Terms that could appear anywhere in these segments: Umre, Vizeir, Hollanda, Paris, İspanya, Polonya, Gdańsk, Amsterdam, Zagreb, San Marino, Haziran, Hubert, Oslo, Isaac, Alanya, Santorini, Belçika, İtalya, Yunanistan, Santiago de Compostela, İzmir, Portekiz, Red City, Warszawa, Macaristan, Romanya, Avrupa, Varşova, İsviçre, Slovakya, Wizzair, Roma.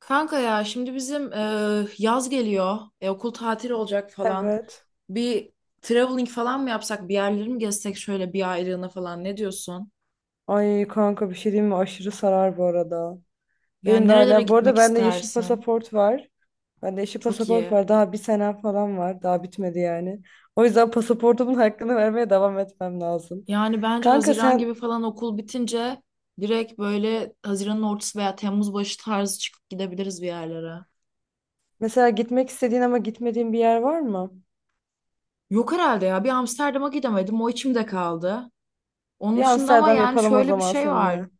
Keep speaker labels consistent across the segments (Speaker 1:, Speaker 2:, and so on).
Speaker 1: Kanka ya şimdi bizim yaz geliyor. Okul tatili olacak falan.
Speaker 2: Evet.
Speaker 1: Bir traveling falan mı yapsak? Bir yerleri mi gezsek şöyle bir aylığına falan ne diyorsun?
Speaker 2: Ay kanka bir şey diyeyim mi? Aşırı sarar bu arada.
Speaker 1: Yani
Speaker 2: Benim de
Speaker 1: nerelere
Speaker 2: hala. Bu arada
Speaker 1: gitmek
Speaker 2: bende yeşil
Speaker 1: istersin?
Speaker 2: pasaport var.
Speaker 1: Çok iyi.
Speaker 2: Daha bir senem falan var. Daha bitmedi yani. O yüzden pasaportumun hakkını vermeye devam etmem lazım.
Speaker 1: Yani bence
Speaker 2: Kanka
Speaker 1: Haziran
Speaker 2: sen
Speaker 1: gibi falan okul bitince direkt böyle Haziran'ın ortası veya Temmuz başı tarzı çıkıp gidebiliriz bir yerlere.
Speaker 2: mesela gitmek istediğin ama gitmediğin bir yer var mı?
Speaker 1: Yok herhalde ya. Bir Amsterdam'a gidemedim. O içimde kaldı.
Speaker 2: Bir
Speaker 1: Onun dışında ama
Speaker 2: Amsterdam
Speaker 1: yani
Speaker 2: yapalım o
Speaker 1: şöyle bir
Speaker 2: zaman
Speaker 1: şey var.
Speaker 2: seninle.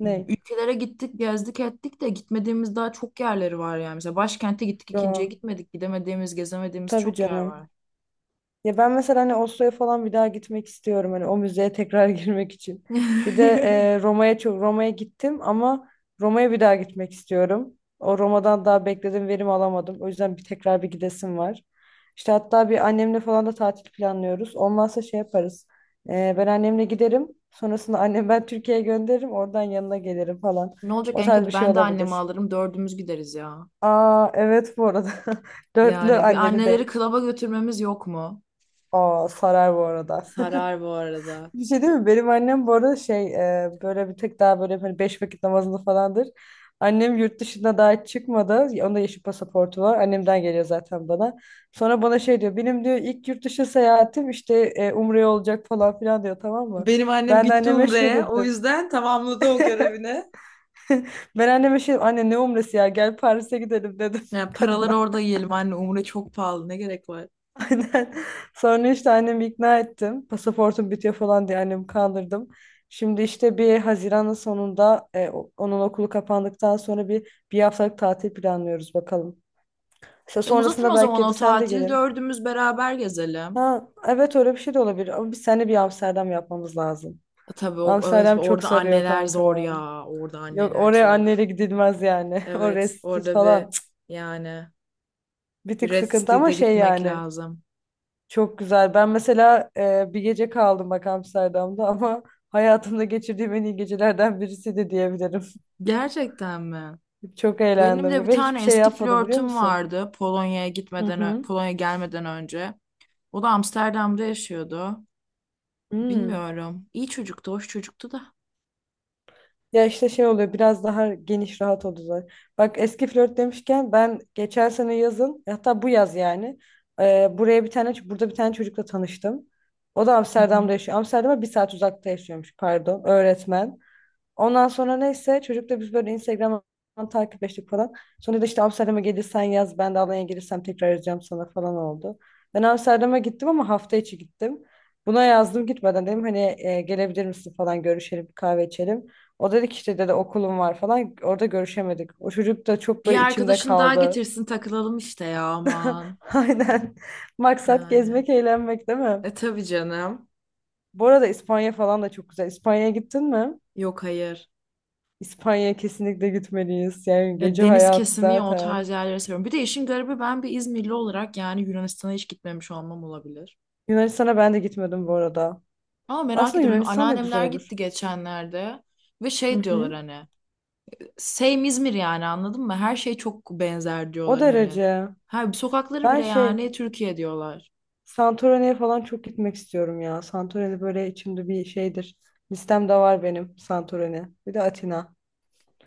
Speaker 2: Ne?
Speaker 1: Ülkelere gittik, gezdik, ettik de gitmediğimiz daha çok yerleri var yani. Mesela başkente gittik, ikinciye
Speaker 2: Yo.
Speaker 1: gitmedik. Gidemediğimiz, gezemediğimiz
Speaker 2: Tabii
Speaker 1: çok yer
Speaker 2: canım.
Speaker 1: var.
Speaker 2: Ya ben mesela hani Oslo'ya falan bir daha gitmek istiyorum hani o müzeye tekrar girmek için. Bir de Roma'ya çok Roma'ya gittim ama Roma'ya bir daha gitmek istiyorum. O Roma'dan daha bekledim verim alamadım. O yüzden bir tekrar bir gidesim var. İşte hatta bir annemle falan da tatil planlıyoruz. Olmazsa şey yaparız. Ben annemle giderim. Sonrasında annem ben Türkiye'ye gönderirim. Oradan yanına gelirim falan.
Speaker 1: Ne olacak
Speaker 2: O
Speaker 1: en
Speaker 2: tarz bir
Speaker 1: kötü
Speaker 2: şey
Speaker 1: ben de annemi
Speaker 2: olabilir.
Speaker 1: alırım, dördümüz gideriz ya.
Speaker 2: Aa, evet bu arada. Dörtlü
Speaker 1: Yani bir
Speaker 2: anneli
Speaker 1: anneleri
Speaker 2: date.
Speaker 1: klaba götürmemiz yok mu?
Speaker 2: Aa, sarar bu arada.
Speaker 1: Sarar bu arada.
Speaker 2: Bir şey değil mi? Benim annem bu arada şey böyle bir tek daha böyle hani beş vakit namazını falandır. Annem yurt dışına daha hiç çıkmadı. Onda yeşil pasaportu var. Annemden geliyor zaten bana. Sonra bana şey diyor. Benim diyor ilk yurt dışı seyahatim işte Umre'ye olacak falan filan diyor, tamam mı?
Speaker 1: Benim annem
Speaker 2: Ben de
Speaker 1: gitti
Speaker 2: anneme şey
Speaker 1: Umre'ye. O
Speaker 2: dedim.
Speaker 1: yüzden tamamladı o görevini.
Speaker 2: Ben anneme şey dedim. Anne ne Umre'si ya, gel Paris'e gidelim dedim
Speaker 1: Yani paraları
Speaker 2: kadına.
Speaker 1: orada yiyelim anne, Umre çok pahalı, ne gerek var?
Speaker 2: Aynen. Sonra işte annemi ikna ettim. Pasaportum bitiyor falan diye annemi kandırdım. Şimdi işte bir Haziran'ın sonunda onun okulu kapandıktan sonra bir haftalık tatil planlıyoruz bakalım. İşte
Speaker 1: E uzatın
Speaker 2: sonrasında
Speaker 1: o zaman
Speaker 2: belki
Speaker 1: o
Speaker 2: de sen de
Speaker 1: tatili,
Speaker 2: gelin.
Speaker 1: dördümüz beraber gezelim.
Speaker 2: Ha, evet, öyle bir şey de olabilir ama biz seninle bir Amsterdam yapmamız lazım.
Speaker 1: E, tabii o, evet,
Speaker 2: Amsterdam çok
Speaker 1: orada
Speaker 2: sarıyor
Speaker 1: anneler zor
Speaker 2: kanka.
Speaker 1: ya. Orada
Speaker 2: Yok,
Speaker 1: anneler
Speaker 2: oraya anneyle
Speaker 1: zor.
Speaker 2: gidilmez yani. Oraya
Speaker 1: Evet,
Speaker 2: siz
Speaker 1: orada bir
Speaker 2: falan. Cık,
Speaker 1: yani
Speaker 2: bir
Speaker 1: bir
Speaker 2: tık
Speaker 1: Red
Speaker 2: sıkıntı ama
Speaker 1: City'de
Speaker 2: şey
Speaker 1: gitmek
Speaker 2: yani.
Speaker 1: lazım.
Speaker 2: Çok güzel. Ben mesela bir gece kaldım bak Amsterdam'da ama hayatımda geçirdiğim en iyi gecelerden birisi de diyebilirim.
Speaker 1: Gerçekten mi?
Speaker 2: Çok
Speaker 1: Benim de
Speaker 2: eğlendim
Speaker 1: bir
Speaker 2: ve hiçbir
Speaker 1: tane
Speaker 2: şey
Speaker 1: eski
Speaker 2: yapmadım, biliyor
Speaker 1: flörtüm
Speaker 2: musun?
Speaker 1: vardı Polonya'ya
Speaker 2: Hı
Speaker 1: gitmeden,
Speaker 2: hı.
Speaker 1: Polonya'ya gelmeden önce. O da Amsterdam'da yaşıyordu.
Speaker 2: Hmm.
Speaker 1: Bilmiyorum. İyi çocuktu, hoş çocuktu da.
Speaker 2: Ya işte şey oluyor, biraz daha geniş rahat oluyor. Bak eski flört demişken, ben geçen sene yazın, hatta bu yaz yani e, buraya bir tane burada bir tane çocukla tanıştım. O da
Speaker 1: Hı hı.
Speaker 2: Amsterdam'da yaşıyor. Amsterdam'a bir saat uzakta yaşıyormuş, pardon, öğretmen. Ondan sonra neyse, çocukla biz böyle Instagram'dan takipleştik falan. Sonra da işte Amsterdam'a gelirsen, yaz ben de Alanya'ya gelirsem tekrar yazacağım sana falan oldu. Ben Amsterdam'a gittim ama hafta içi gittim. Buna yazdım gitmeden, dedim hani gelebilir misin falan, görüşelim bir kahve içelim. O dedi ki işte, dedi, okulum var falan, orada görüşemedik. O çocuk da çok
Speaker 1: Bir
Speaker 2: böyle içimde
Speaker 1: arkadaşın daha
Speaker 2: kaldı.
Speaker 1: getirsin takılalım işte ya aman.
Speaker 2: Aynen. Maksat
Speaker 1: Yani.
Speaker 2: gezmek eğlenmek değil mi?
Speaker 1: E tabii canım.
Speaker 2: Bu arada İspanya falan da çok güzel. İspanya'ya gittin mi?
Speaker 1: Yok hayır.
Speaker 2: İspanya'ya kesinlikle gitmeliyiz. Yani
Speaker 1: Ya
Speaker 2: gece
Speaker 1: deniz
Speaker 2: hayatı
Speaker 1: kesimi ya o tarz
Speaker 2: zaten.
Speaker 1: yerleri seviyorum. Bir de işin garibi ben bir İzmirli olarak yani Yunanistan'a hiç gitmemiş olmam olabilir.
Speaker 2: Yunanistan'a ben de gitmedim bu arada.
Speaker 1: Ama merak
Speaker 2: Aslında
Speaker 1: ediyorum. Benim
Speaker 2: Yunanistan da güzel
Speaker 1: anneannemler
Speaker 2: olur.
Speaker 1: gitti geçenlerde ve
Speaker 2: Hı
Speaker 1: şey diyorlar
Speaker 2: hı.
Speaker 1: hani same İzmir yani anladın mı? Her şey çok benzer
Speaker 2: O
Speaker 1: diyorlar hani.
Speaker 2: derece.
Speaker 1: Her sokakları
Speaker 2: Ben
Speaker 1: bile
Speaker 2: şey,
Speaker 1: yani Türkiye diyorlar.
Speaker 2: Santorini'ye falan çok gitmek istiyorum ya. Santorini böyle içimde bir şeydir. Listemde var benim Santorini. Bir de Atina.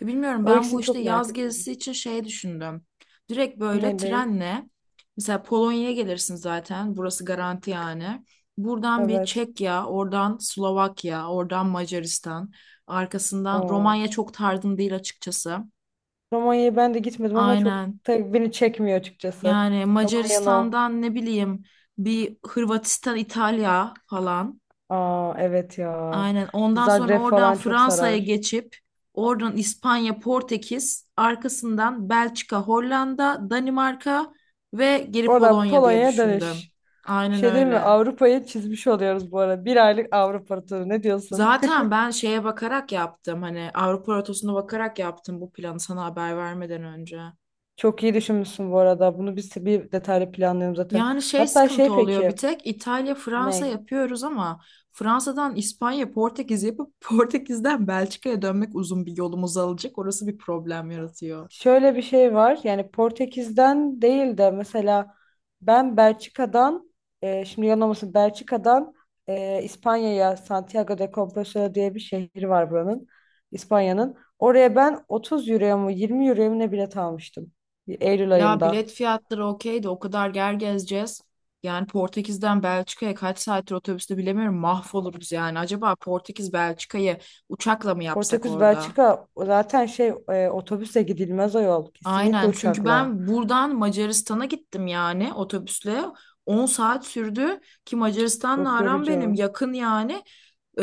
Speaker 1: Ya bilmiyorum
Speaker 2: O
Speaker 1: ben bu
Speaker 2: ikisini
Speaker 1: işte
Speaker 2: çok merak
Speaker 1: yaz
Speaker 2: ediyorum.
Speaker 1: gezisi için şey düşündüm. Direkt böyle
Speaker 2: Nereyi?
Speaker 1: trenle mesela Polonya'ya gelirsin zaten. Burası garanti yani. Buradan bir
Speaker 2: Evet.
Speaker 1: Çekya, oradan Slovakya, oradan Macaristan, arkasından
Speaker 2: Oo.
Speaker 1: Romanya çok tarzım değil açıkçası.
Speaker 2: Romanya'ya ben de gitmedim ama çok,
Speaker 1: Aynen.
Speaker 2: tabii beni çekmiyor açıkçası.
Speaker 1: Yani
Speaker 2: Romanya'nın o.
Speaker 1: Macaristan'dan ne bileyim bir Hırvatistan, İtalya falan.
Speaker 2: Aa, evet ya.
Speaker 1: Aynen. Ondan sonra
Speaker 2: Zagreb
Speaker 1: oradan
Speaker 2: falan çok
Speaker 1: Fransa'ya
Speaker 2: sarar.
Speaker 1: geçip oradan İspanya, Portekiz, arkasından Belçika, Hollanda, Danimarka ve geri
Speaker 2: Oradan
Speaker 1: Polonya diye
Speaker 2: Polonya'ya
Speaker 1: düşündüm.
Speaker 2: dönüş. Bir
Speaker 1: Aynen
Speaker 2: şey değil mi?
Speaker 1: öyle.
Speaker 2: Avrupa'yı çizmiş oluyoruz bu arada. Bir aylık Avrupa turu. Ne diyorsun?
Speaker 1: Zaten ben şeye bakarak yaptım hani Avrupa rotasına bakarak yaptım bu planı sana haber vermeden önce.
Speaker 2: Çok iyi düşünmüşsün bu arada. Bunu biz bir detaylı planlıyorum zaten.
Speaker 1: Yani şey
Speaker 2: Hatta
Speaker 1: sıkıntı
Speaker 2: şey,
Speaker 1: oluyor bir
Speaker 2: peki
Speaker 1: tek İtalya, Fransa
Speaker 2: ne?
Speaker 1: yapıyoruz ama Fransa'dan İspanya, Portekiz yapıp Portekiz'den Belçika'ya dönmek uzun bir yolumuz alacak. Orası bir problem yaratıyor.
Speaker 2: Şöyle bir şey var. Yani Portekiz'den değil de mesela ben Belçika'dan şimdi yanılmasın Belçika'dan İspanya'ya, Santiago de Compostela diye bir şehri var buranın. İspanya'nın. Oraya ben 30 euroya mı 20 euroya mı ne bilet almıştım. Eylül
Speaker 1: Ya
Speaker 2: ayında.
Speaker 1: bilet fiyatları okey de o kadar yer gezeceğiz. Yani Portekiz'den Belçika'ya kaç saattir otobüste bilemiyorum mahvoluruz yani. Acaba Portekiz Belçika'yı uçakla mı yapsak
Speaker 2: Portekiz
Speaker 1: orada?
Speaker 2: Belçika zaten şey otobüse gidilmez o yol. Kesinlikle
Speaker 1: Aynen çünkü
Speaker 2: uçakla.
Speaker 1: ben buradan Macaristan'a gittim yani otobüsle. 10 saat sürdü ki Macaristan'la
Speaker 2: Çok
Speaker 1: aram benim
Speaker 2: yorucu.
Speaker 1: yakın yani. Ee,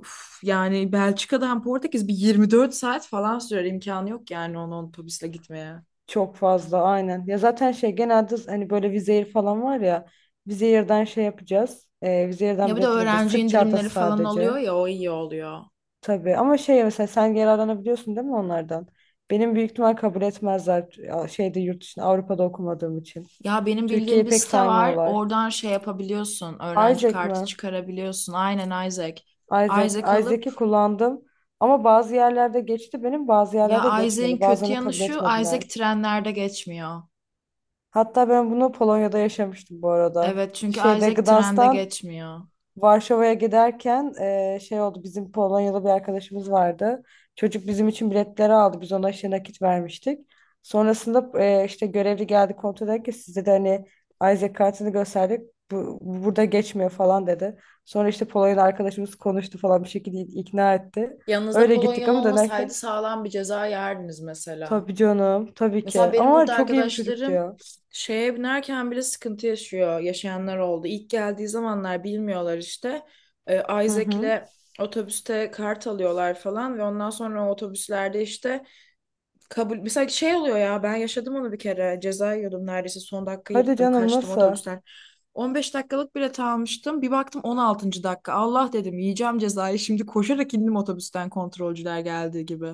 Speaker 1: üf, yani Belçika'dan Portekiz bir 24 saat falan sürer imkanı yok yani onu otobüsle gitmeye.
Speaker 2: Çok fazla aynen. Ya zaten şey, genelde hani böyle Wizzair falan var ya. Vizeir'den şey yapacağız.
Speaker 1: Ya
Speaker 2: Vizeir'den
Speaker 1: bir de
Speaker 2: biletler alacağız.
Speaker 1: öğrenci
Speaker 2: Sırt
Speaker 1: indirimleri
Speaker 2: çantası
Speaker 1: falan oluyor
Speaker 2: sadece.
Speaker 1: ya o iyi oluyor.
Speaker 2: Tabii ama şey, mesela sen yararlanabiliyorsun değil mi onlardan? Benim büyük ihtimal kabul etmezler ya, şeyde, yurt dışında Avrupa'da okumadığım için.
Speaker 1: Ya benim bildiğim
Speaker 2: Türkiye'yi
Speaker 1: bir
Speaker 2: pek
Speaker 1: site var.
Speaker 2: saymıyorlar.
Speaker 1: Oradan şey yapabiliyorsun. Öğrenci
Speaker 2: Isaac
Speaker 1: kartı
Speaker 2: mi?
Speaker 1: çıkarabiliyorsun. Aynen Isaac.
Speaker 2: Isaac,
Speaker 1: Isaac
Speaker 2: Isaac'i
Speaker 1: alıp
Speaker 2: kullandım ama bazı yerlerde geçti benim, bazı
Speaker 1: ya
Speaker 2: yerlerde
Speaker 1: Isaac'in
Speaker 2: geçmedi.
Speaker 1: kötü
Speaker 2: Bazılarını
Speaker 1: yanı
Speaker 2: kabul
Speaker 1: şu. Isaac
Speaker 2: etmediler.
Speaker 1: trenlerde geçmiyor.
Speaker 2: Hatta ben bunu Polonya'da yaşamıştım bu arada.
Speaker 1: Evet çünkü
Speaker 2: Şeyde
Speaker 1: Isaac trende
Speaker 2: Gdańsk'tan
Speaker 1: geçmiyor.
Speaker 2: Varşova'ya giderken şey oldu, bizim Polonyalı bir arkadaşımız vardı. Çocuk bizim için biletleri aldı. Biz ona işte nakit vermiştik. Sonrasında işte görevli geldi kontrol ederken, sizde de hani Isaac kartını gösterdik. Bu burada geçmiyor falan dedi. Sonra işte Polonyalı arkadaşımız konuştu falan, bir şekilde ikna etti.
Speaker 1: Yanınızda
Speaker 2: Öyle gittik
Speaker 1: Polonyalı
Speaker 2: ama
Speaker 1: olmasaydı
Speaker 2: dönerken,
Speaker 1: sağlam bir ceza yerdiniz mesela.
Speaker 2: tabii canım, tabii
Speaker 1: Mesela
Speaker 2: ki.
Speaker 1: benim
Speaker 2: Ama
Speaker 1: burada
Speaker 2: çok iyi bir çocuktu
Speaker 1: arkadaşlarım
Speaker 2: ya.
Speaker 1: şeye binerken bile sıkıntı yaşıyor. Yaşayanlar oldu. İlk geldiği zamanlar bilmiyorlar işte.
Speaker 2: Hı hı.
Speaker 1: Isaac'le otobüste kart alıyorlar falan ve ondan sonra o otobüslerde işte kabul mesela şey oluyor ya ben yaşadım onu bir kere ceza yiyordum neredeyse son dakika
Speaker 2: Hadi
Speaker 1: yırttım
Speaker 2: canım,
Speaker 1: kaçtım
Speaker 2: nasıl?
Speaker 1: otobüsten 15 dakikalık bilet almıştım bir baktım 16. dakika Allah dedim yiyeceğim cezayı şimdi koşarak indim otobüsten kontrolcüler geldiği gibi.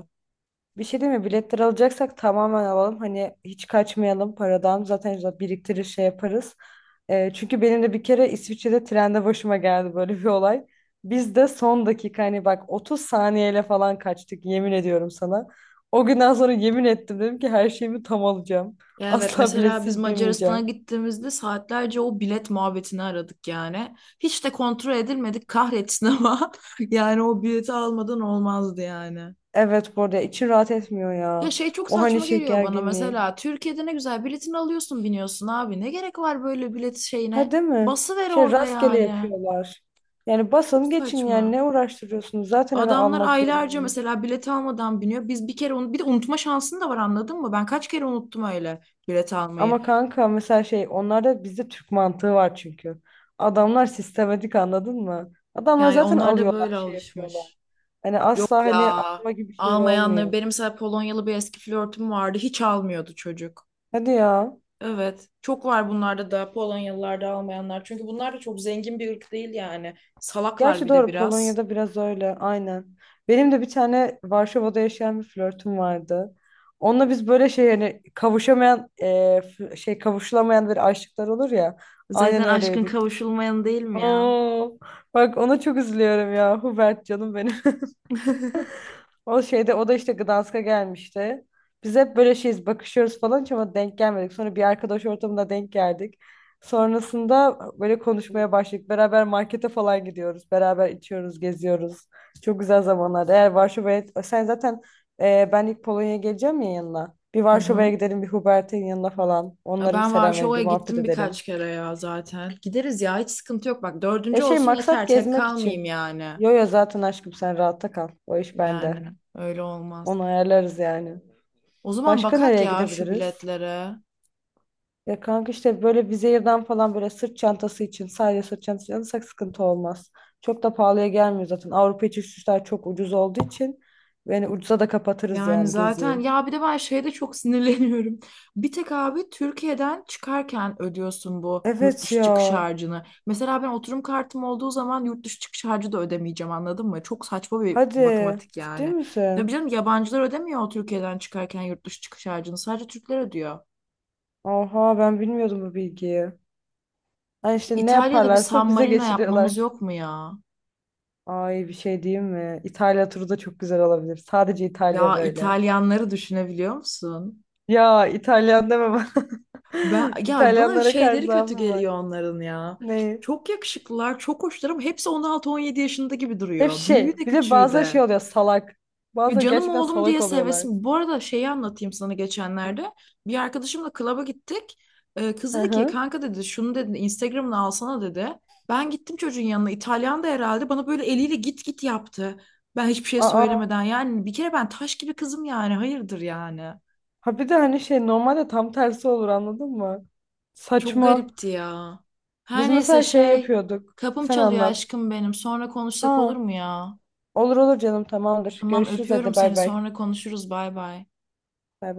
Speaker 2: Bir şey değil mi? Biletleri alacaksak tamamen alalım. Hani hiç kaçmayalım paradan. Zaten işte biriktirir şey yaparız. Çünkü benim de bir kere İsviçre'de trende başıma geldi böyle bir olay. Biz de son dakika hani, bak 30 saniyeyle falan kaçtık, yemin ediyorum sana. O günden sonra yemin ettim, dedim ki her şeyimi tam alacağım.
Speaker 1: Ya evet
Speaker 2: Asla
Speaker 1: mesela biz
Speaker 2: biletsiz
Speaker 1: Macaristan'a
Speaker 2: binmeyeceğim.
Speaker 1: gittiğimizde saatlerce o bilet muhabbetini aradık yani. Hiç de kontrol edilmedik kahretsin ama yani o bileti almadan olmazdı yani.
Speaker 2: Evet, bu arada içim rahat etmiyor
Speaker 1: Ya
Speaker 2: ya.
Speaker 1: şey çok
Speaker 2: O hani
Speaker 1: saçma
Speaker 2: şey
Speaker 1: geliyor bana
Speaker 2: gerginliği.
Speaker 1: mesela Türkiye'de ne güzel biletini alıyorsun biniyorsun abi ne gerek var böyle bilet şeyine
Speaker 2: Ha, değil mi?
Speaker 1: basıver
Speaker 2: Şey,
Speaker 1: orada
Speaker 2: rastgele
Speaker 1: yani.
Speaker 2: yapıyorlar. Yani
Speaker 1: Çok
Speaker 2: basın geçin yani,
Speaker 1: saçma.
Speaker 2: ne uğraştırıyorsunuz? Zaten hani
Speaker 1: Adamlar
Speaker 2: almak
Speaker 1: aylarca
Speaker 2: zorunlu.
Speaker 1: mesela bilet almadan biniyor. Biz bir kere onu bir de unutma şansın da var anladın mı? Ben kaç kere unuttum öyle bilet almayı.
Speaker 2: Ama kanka, mesela şey, onlarda bizde Türk mantığı var çünkü. Adamlar sistematik, anladın mı? Adamlar
Speaker 1: Yani
Speaker 2: zaten
Speaker 1: onlar da
Speaker 2: alıyorlar,
Speaker 1: böyle
Speaker 2: şey yapıyorlar.
Speaker 1: alışmış.
Speaker 2: Hani asla
Speaker 1: Yok
Speaker 2: hani
Speaker 1: ya.
Speaker 2: alma gibi şeyler
Speaker 1: Almayanları
Speaker 2: olmuyor.
Speaker 1: benim mesela Polonyalı bir eski flörtüm vardı. Hiç almıyordu çocuk.
Speaker 2: Hadi ya.
Speaker 1: Evet. Çok var bunlarda da Polonyalılarda almayanlar. Çünkü bunlar da çok zengin bir ırk değil yani. Salaklar
Speaker 2: Gerçi
Speaker 1: bir de
Speaker 2: doğru,
Speaker 1: biraz.
Speaker 2: Polonya'da biraz öyle aynen. Benim de bir tane Varşova'da yaşayan bir flörtüm vardı. Onunla biz böyle şey, yani kavuşamayan şey, kavuşulamayan bir aşıklar olur ya. Aynen
Speaker 1: Zaten aşkın
Speaker 2: öyleydik.
Speaker 1: kavuşulmayan değil mi ya?
Speaker 2: Oo, bak ona çok üzülüyorum ya, Hubert canım benim. O şeyde, o da işte Gdansk'a gelmişti. Biz hep böyle şeyiz, bakışıyoruz falan, hiç ama denk gelmedik. Sonra bir arkadaş ortamında denk geldik. Sonrasında böyle konuşmaya başladık. Beraber markete falan gidiyoruz. Beraber içiyoruz, geziyoruz. Çok güzel zamanlar. Eğer Varşova'ya... Sen zaten ben ilk Polonya'ya geleceğim ya yanına. Bir
Speaker 1: Hı
Speaker 2: Varşova'ya
Speaker 1: hı.
Speaker 2: gidelim, bir Hubert'in yanına falan. Onlara bir
Speaker 1: Ben
Speaker 2: selam verelim, bir
Speaker 1: Varşova'ya
Speaker 2: muhabbet
Speaker 1: gittim birkaç
Speaker 2: edelim.
Speaker 1: kere ya zaten. Gideriz ya hiç sıkıntı yok. Bak
Speaker 2: Ya
Speaker 1: dördüncü
Speaker 2: şey,
Speaker 1: olsun
Speaker 2: maksat
Speaker 1: yeter tek
Speaker 2: gezmek
Speaker 1: kalmayayım
Speaker 2: için.
Speaker 1: yani.
Speaker 2: Yo yo, zaten aşkım, sen rahatta kal. O iş bende.
Speaker 1: Yani öyle olmaz.
Speaker 2: Onu ayarlarız yani.
Speaker 1: O zaman
Speaker 2: Başka
Speaker 1: bakak
Speaker 2: nereye
Speaker 1: ya şu
Speaker 2: gidebiliriz?
Speaker 1: biletlere.
Speaker 2: Ya kanka işte böyle Vizier'den falan, böyle sırt çantası için, sadece sırt çantası alırsak sıkıntı olmaz. Çok da pahalıya gelmiyor zaten. Avrupa içi uçuşlar çok ucuz olduğu için yani ucuza da kapatırız
Speaker 1: Yani
Speaker 2: yani
Speaker 1: zaten
Speaker 2: geziyi.
Speaker 1: ya bir de ben şeye de çok sinirleniyorum. Bir tek abi Türkiye'den çıkarken ödüyorsun bu yurt
Speaker 2: Evet
Speaker 1: dışı
Speaker 2: ya.
Speaker 1: çıkış harcını. Mesela ben oturum kartım olduğu zaman yurt dışı çıkış harcı da ödemeyeceğim anladın mı? Çok saçma bir
Speaker 2: Hadi.
Speaker 1: matematik
Speaker 2: Ciddi
Speaker 1: yani. Tabii
Speaker 2: misin?
Speaker 1: canım yabancılar ödemiyor o Türkiye'den çıkarken yurt dışı çıkış harcını. Sadece Türkler ödüyor.
Speaker 2: Oha, ben bilmiyordum bu bilgiyi. Ha, işte ne
Speaker 1: İtalya'da bir San
Speaker 2: yaparlarsa bize
Speaker 1: Marino yapmamız
Speaker 2: geçiriyorlar.
Speaker 1: yok mu ya?
Speaker 2: Ay bir şey diyeyim mi? İtalya turu da çok güzel olabilir. Sadece İtalya
Speaker 1: Ya
Speaker 2: böyle.
Speaker 1: İtalyanları düşünebiliyor musun?
Speaker 2: Ya İtalyan deme bana.
Speaker 1: Ben ya bana
Speaker 2: İtalyanlara karşı
Speaker 1: şeyleri kötü
Speaker 2: zaafım var.
Speaker 1: geliyor onların ya.
Speaker 2: Ne?
Speaker 1: Çok yakışıklılar, çok hoşlar ama hepsi 16-17 yaşında gibi
Speaker 2: Hep
Speaker 1: duruyor. Büyüğü
Speaker 2: şey.
Speaker 1: de
Speaker 2: Bir de
Speaker 1: küçüğü
Speaker 2: bazıları şey
Speaker 1: de.
Speaker 2: oluyor, salak.
Speaker 1: Ya
Speaker 2: Bazıları
Speaker 1: canım
Speaker 2: gerçekten
Speaker 1: oğlum
Speaker 2: salak
Speaker 1: diye
Speaker 2: oluyorlar.
Speaker 1: sevesin. Bu arada şeyi anlatayım sana geçenlerde. Bir arkadaşımla klaba gittik. Kız
Speaker 2: Hı
Speaker 1: dedi ki
Speaker 2: hı.
Speaker 1: kanka dedi şunu dedi Instagram'ını alsana dedi. Ben gittim çocuğun yanına. İtalyan da herhalde bana böyle eliyle git git yaptı. Ben hiçbir şey
Speaker 2: Aa.
Speaker 1: söylemeden yani bir kere ben taş gibi kızım yani hayırdır yani.
Speaker 2: Ha bir de hani şey, normalde tam tersi olur anladın mı?
Speaker 1: Çok
Speaker 2: Saçma.
Speaker 1: garipti ya.
Speaker 2: Biz
Speaker 1: Her neyse
Speaker 2: mesela şey
Speaker 1: şey,
Speaker 2: yapıyorduk.
Speaker 1: kapım
Speaker 2: Sen
Speaker 1: çalıyor
Speaker 2: anlat.
Speaker 1: aşkım benim. Sonra konuşsak olur
Speaker 2: Ha.
Speaker 1: mu ya?
Speaker 2: Olur olur canım, tamamdır.
Speaker 1: Tamam
Speaker 2: Görüşürüz,
Speaker 1: öpüyorum
Speaker 2: hadi bay
Speaker 1: seni.
Speaker 2: bay.
Speaker 1: Sonra konuşuruz. Bay bay.
Speaker 2: Bay bay.